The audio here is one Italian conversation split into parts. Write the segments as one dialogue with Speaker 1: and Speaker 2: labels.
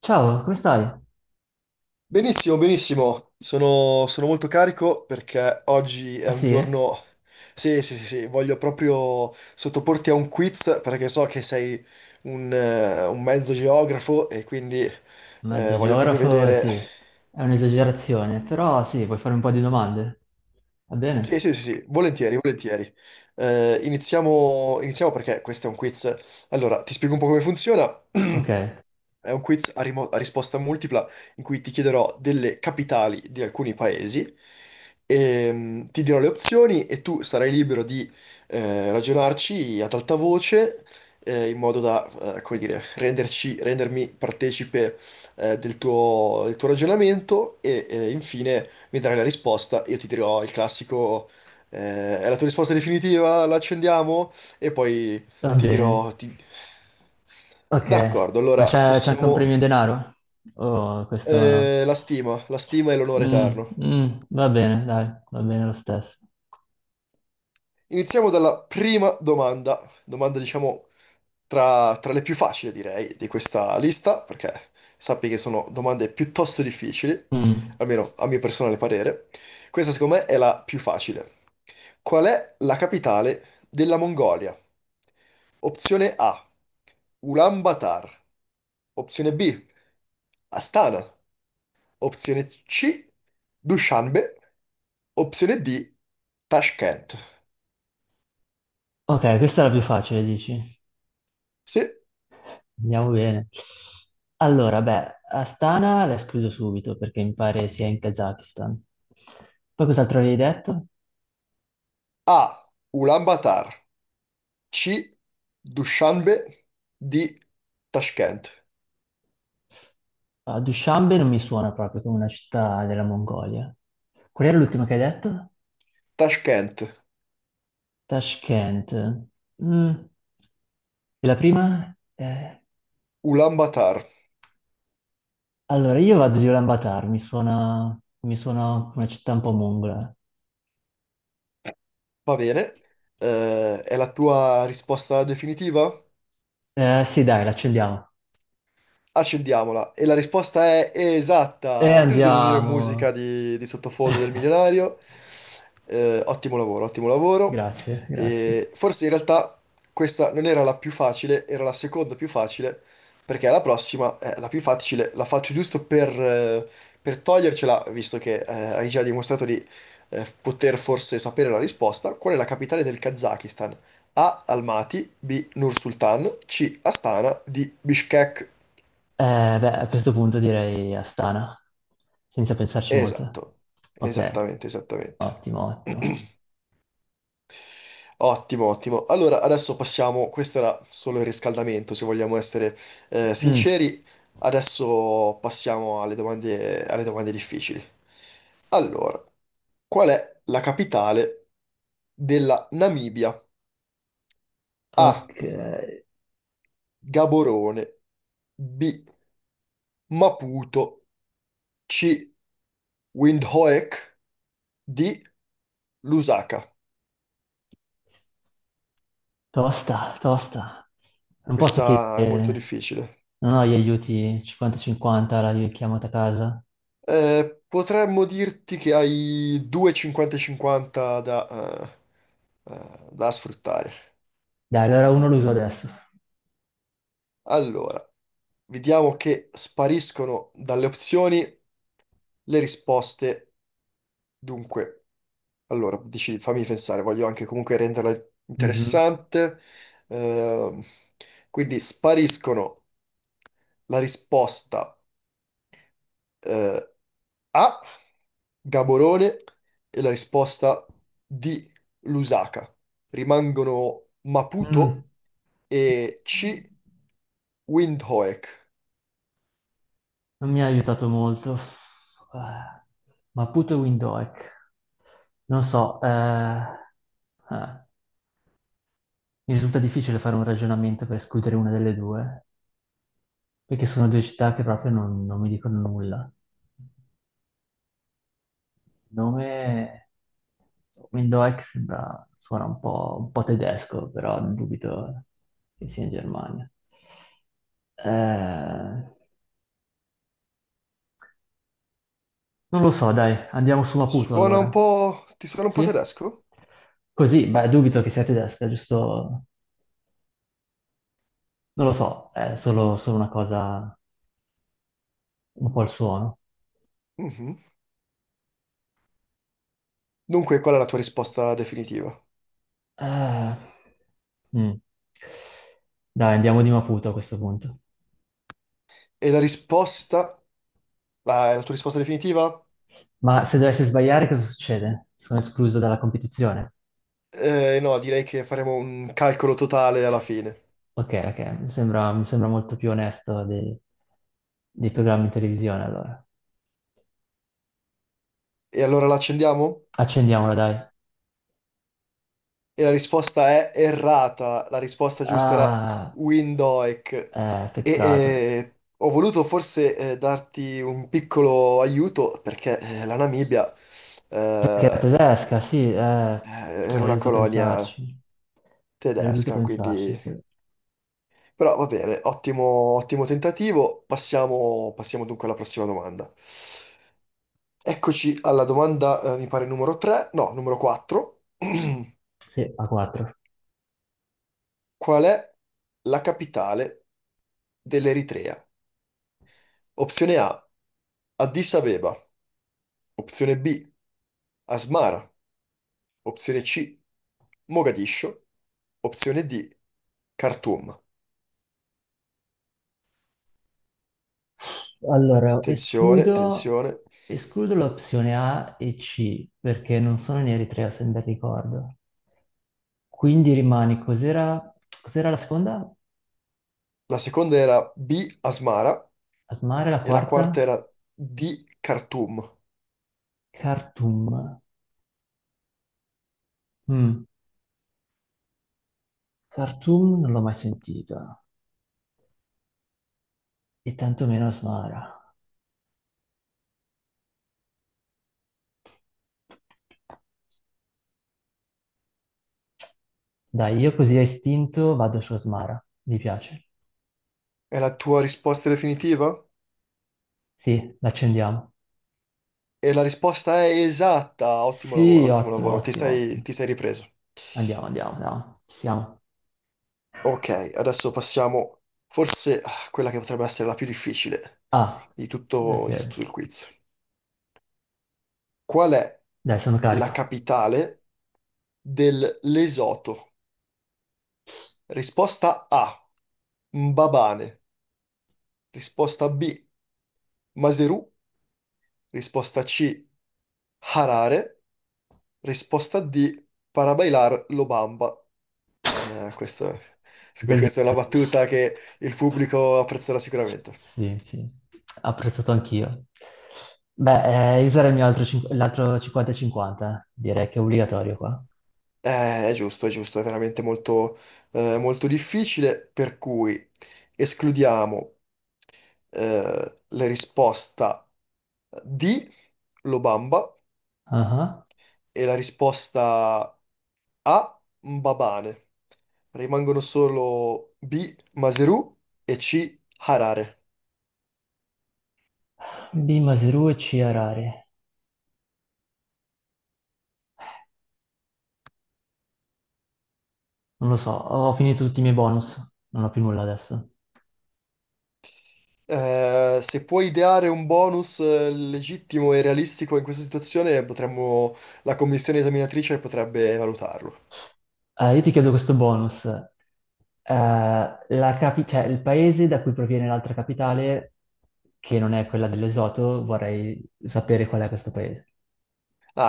Speaker 1: Ciao, come stai?
Speaker 2: Benissimo, benissimo. Sono, sono molto carico perché oggi è
Speaker 1: Ah
Speaker 2: un
Speaker 1: sì?
Speaker 2: giorno. Sì, sì, sì, sì, voglio proprio sottoporti a un quiz perché so che sei un mezzo geografo e quindi
Speaker 1: Mezzo
Speaker 2: voglio proprio
Speaker 1: geografo,
Speaker 2: vedere.
Speaker 1: sì. È un'esagerazione, però sì, puoi fare un po' di domande. Va
Speaker 2: Sì,
Speaker 1: bene?
Speaker 2: sì, sì, sì, volentieri, volentieri. Iniziamo, iniziamo perché questo è un quiz. Allora, ti spiego un po' come funziona.
Speaker 1: Ok,
Speaker 2: È un quiz a, a risposta multipla in cui ti chiederò delle capitali di alcuni paesi, ti dirò le opzioni e tu sarai libero di ragionarci ad alta voce in modo da, come dire, rendermi partecipe del tuo ragionamento e infine mi darai la risposta. Io ti dirò il classico, è la tua risposta definitiva, la accendiamo e poi
Speaker 1: va
Speaker 2: ti
Speaker 1: bene.
Speaker 2: dirò... ti-
Speaker 1: Ok,
Speaker 2: D'accordo,
Speaker 1: ma
Speaker 2: allora
Speaker 1: c'è anche un
Speaker 2: possiamo.
Speaker 1: premio in denaro? Oh, questo no.
Speaker 2: La stima, la stima e l'onore
Speaker 1: Mm,
Speaker 2: eterno.
Speaker 1: mm, va bene, dai, va bene lo stesso.
Speaker 2: Iniziamo dalla prima domanda, domanda diciamo tra le più facili direi di questa lista, perché sappi che sono domande piuttosto difficili,
Speaker 1: Mm.
Speaker 2: almeno a mio personale parere. Questa secondo me è la più facile. Qual è la capitale della Mongolia? Opzione A, Ulaanbaatar. Opzione B, Astana. Opzione C, Dushanbe. Opzione D, Tashkent.
Speaker 1: Ok, questa è la più facile, dici?
Speaker 2: Sì.
Speaker 1: Andiamo bene. Allora, beh, Astana la escludo subito perché mi pare sia in Kazakistan. Poi cos'altro avevi detto?
Speaker 2: A, Ulaanbaatar. C, Dushanbe. D, Tashkent.
Speaker 1: Ah, Dushanbe non mi suona proprio come una città della Mongolia. Qual era l'ultima che hai detto?
Speaker 2: Tashkent,
Speaker 1: Tashkent. Mm, e la prima?
Speaker 2: Ulaanbaatar.
Speaker 1: Allora, io vado di Ulaanbaatar, mi suona una città un po' mongola.
Speaker 2: Va bene. È la tua risposta definitiva?
Speaker 1: Sì, dai, l'accendiamo.
Speaker 2: Accendiamola. E la risposta è
Speaker 1: E
Speaker 2: esatta. Trrr,
Speaker 1: andiamo.
Speaker 2: musica di sottofondo del milionario. Ottimo lavoro, ottimo lavoro.
Speaker 1: Grazie, grazie.
Speaker 2: E forse in realtà questa non era la più facile, era la seconda più facile, perché la prossima è la più facile, la faccio giusto per togliercela, visto che hai già dimostrato di poter forse sapere la risposta. Qual è la capitale del Kazakistan? A. Almaty, B. Nur-Sultan, C. Astana, D. Bishkek.
Speaker 1: Beh, a questo punto direi Astana, senza pensarci molto.
Speaker 2: Esatto,
Speaker 1: Ok,
Speaker 2: esattamente, esattamente.
Speaker 1: ottimo, ottimo.
Speaker 2: Ottimo, ottimo. Allora, adesso passiamo, questo era solo il riscaldamento, se vogliamo essere
Speaker 1: Mm.
Speaker 2: sinceri. Adesso passiamo alle domande difficili. Allora, qual è la capitale della Namibia? A.
Speaker 1: Ok,
Speaker 2: Gaborone. B. Maputo. C. Windhoek. D. Lusaka.
Speaker 1: tosta, tosta. Non posso
Speaker 2: Questa è molto
Speaker 1: chiedere,
Speaker 2: difficile.
Speaker 1: non ho gli aiuti 50-50, la richiamata a casa.
Speaker 2: Potremmo dirti che hai due 50-50 eh, da sfruttare.
Speaker 1: Dai, allora uno lo uso adesso.
Speaker 2: Allora, vediamo che spariscono dalle opzioni le risposte. Dunque, allora, dici, fammi pensare, voglio anche comunque renderla
Speaker 1: Mhm.
Speaker 2: interessante. Ehm, quindi spariscono la risposta eh, A, Gaborone, e la risposta D, Lusaka. Rimangono
Speaker 1: Mm,
Speaker 2: Maputo e C. Windhoek.
Speaker 1: non mi ha aiutato molto. Ah, Maputo e Windhoek. Non so, mi risulta difficile fare un ragionamento per escludere una delle due, perché sono due città che proprio non mi dicono nulla. Nome. Window X sembra, suona un po' tedesco, però dubito che sia in Germania. Eh, Non lo so, dai, andiamo su Maputo
Speaker 2: Suona un
Speaker 1: allora.
Speaker 2: po'. Ti suona un po'
Speaker 1: Sì?
Speaker 2: tedesco?
Speaker 1: Così, beh, dubito che sia tedesca, giusto? Non lo so, è solo una cosa, un po' il suono.
Speaker 2: Mhm. Dunque, qual è la tua risposta definitiva?
Speaker 1: Eh, mm. Dai, andiamo di Maputo a questo punto.
Speaker 2: E la risposta. Ah, è la tua risposta definitiva?
Speaker 1: Ma se dovessi sbagliare, cosa succede? Sono escluso dalla competizione?
Speaker 2: No, direi che faremo un calcolo totale alla fine.
Speaker 1: Ok, ok, mi sembra molto più onesto dei programmi in televisione, allora.
Speaker 2: E allora la accendiamo?
Speaker 1: Accendiamola, dai.
Speaker 2: E la risposta è errata. La risposta giusta era
Speaker 1: Ah,
Speaker 2: Windhoek. E
Speaker 1: peccato.
Speaker 2: ho voluto forse darti un piccolo aiuto perché la Namibia...
Speaker 1: Perché è
Speaker 2: eh,
Speaker 1: tedesca, sì,
Speaker 2: Eh, era
Speaker 1: avrei
Speaker 2: una
Speaker 1: dovuto
Speaker 2: colonia
Speaker 1: pensarci. Avrei dovuto
Speaker 2: tedesca,
Speaker 1: pensarci,
Speaker 2: quindi.
Speaker 1: sì.
Speaker 2: Però va bene, ottimo, ottimo tentativo. Passiamo, passiamo dunque alla prossima domanda. Eccoci alla domanda, mi pare numero 3, no, numero 4.
Speaker 1: Sì, a 4.
Speaker 2: Qual è la capitale dell'Eritrea? Opzione A, Addis Abeba. Opzione B, Asmara. Opzione C, Mogadiscio. Opzione D, Khartoum.
Speaker 1: Allora,
Speaker 2: Tensione, tensione.
Speaker 1: escludo l'opzione A e C, perché non sono in Eritrea, se ben ricordo. Quindi rimane, cos'era la seconda?
Speaker 2: La seconda era B, Asmara.
Speaker 1: Asmara, la
Speaker 2: E la
Speaker 1: quarta?
Speaker 2: quarta era di Khartoum.
Speaker 1: Khartoum. Mm. Khartoum non l'ho mai sentita e tantomeno Asmara. Dai, io così a istinto vado su Asmara. Mi piace.
Speaker 2: È la tua risposta definitiva?
Speaker 1: Sì, l'accendiamo.
Speaker 2: E la risposta è esatta. Ottimo
Speaker 1: Sì,
Speaker 2: lavoro, ottimo
Speaker 1: ottimo,
Speaker 2: lavoro. Ti
Speaker 1: ottimo,
Speaker 2: sei,
Speaker 1: ottimo.
Speaker 2: ti sei ripreso.
Speaker 1: Andiamo, andiamo, andiamo. Ci siamo.
Speaker 2: Ok, adesso passiamo forse a quella che potrebbe essere la più difficile
Speaker 1: Ah,
Speaker 2: di tutto, di
Speaker 1: ok.
Speaker 2: tutto il quiz. Qual è
Speaker 1: Dai, sono
Speaker 2: la
Speaker 1: carico.
Speaker 2: capitale del Lesoto? Risposta A, Mbabane. Risposta B, Maseru. Risposta C, Harare. Risposta D, para bailar lo bamba. Eh, questo- scu-
Speaker 1: Così.
Speaker 2: questa è una battuta che il pubblico apprezzerà sicuramente.
Speaker 1: Sì, sì. Apprezzato anch'io. Beh, io sarei il mio altro cin- l'altro 50-50, eh, direi che è obbligatorio qua.
Speaker 2: È giusto, è giusto, è veramente molto, molto difficile, per cui escludiamo la risposta D, lo bamba,
Speaker 1: Ah ah.
Speaker 2: e la risposta A, Mbabane. Rimangono solo B, Maseru e C, Harare.
Speaker 1: B, Maseru e C, Harare. Non lo so, ho finito tutti i miei bonus, non ho più nulla adesso.
Speaker 2: Se puoi ideare un bonus legittimo e realistico in questa situazione, la commissione esaminatrice potrebbe valutarlo.
Speaker 1: Io ti chiedo questo bonus. Cioè, il paese da cui proviene l'altra capitale, che non è quella dell'Esoto, vorrei sapere qual è questo paese.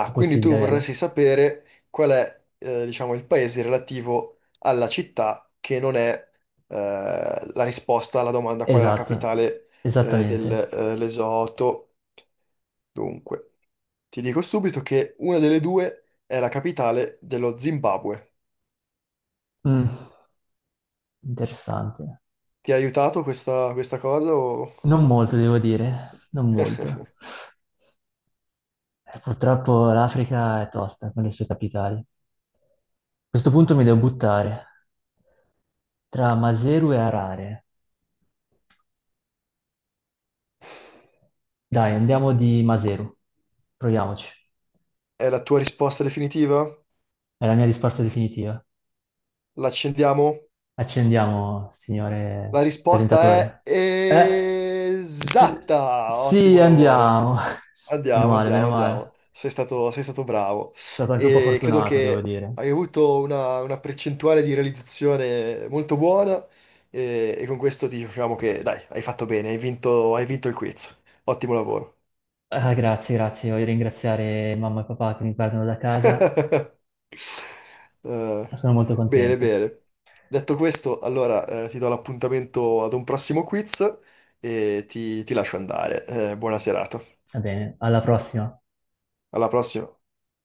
Speaker 1: È
Speaker 2: quindi
Speaker 1: possibile
Speaker 2: tu
Speaker 1: averla?
Speaker 2: vorresti sapere qual è, diciamo, il paese relativo alla città che non è, la risposta alla domanda qual è la
Speaker 1: Esatto,
Speaker 2: capitale, del,
Speaker 1: esattamente.
Speaker 2: Lesotho. Dunque, ti dico subito che una delle due è la capitale dello Zimbabwe.
Speaker 1: Mm, interessante.
Speaker 2: Ti ha aiutato questa cosa o.
Speaker 1: Non molto, devo dire, non molto. Purtroppo l'Africa è tosta con le sue capitali. Questo punto mi devo buttare tra Maseru e Harare. Dai, andiamo di Maseru. Proviamoci.
Speaker 2: È la tua risposta definitiva?
Speaker 1: È la mia risposta definitiva.
Speaker 2: L'accendiamo?
Speaker 1: Accendiamo, signore
Speaker 2: La risposta è
Speaker 1: presentatore. Eh, s-
Speaker 2: esatta!
Speaker 1: sì,
Speaker 2: Ottimo lavoro.
Speaker 1: andiamo. Meno
Speaker 2: Andiamo,
Speaker 1: male,
Speaker 2: andiamo,
Speaker 1: meno
Speaker 2: andiamo.
Speaker 1: male.
Speaker 2: Sei stato bravo.
Speaker 1: Sono stato anche un po'
Speaker 2: E credo
Speaker 1: fortunato, devo
Speaker 2: che
Speaker 1: dire.
Speaker 2: hai avuto una percentuale di realizzazione molto buona e con questo ti diciamo che, dai, hai fatto bene, hai vinto il quiz. Ottimo lavoro.
Speaker 1: Ah, grazie, grazie. Voglio ringraziare mamma e papà che mi guardano da casa.
Speaker 2: Eh,
Speaker 1: Sono molto
Speaker 2: bene,
Speaker 1: contento.
Speaker 2: bene. Detto questo, allora ti do l'appuntamento ad un prossimo quiz e ti lascio andare. Buona serata.
Speaker 1: Va bene, alla prossima.
Speaker 2: Alla prossima.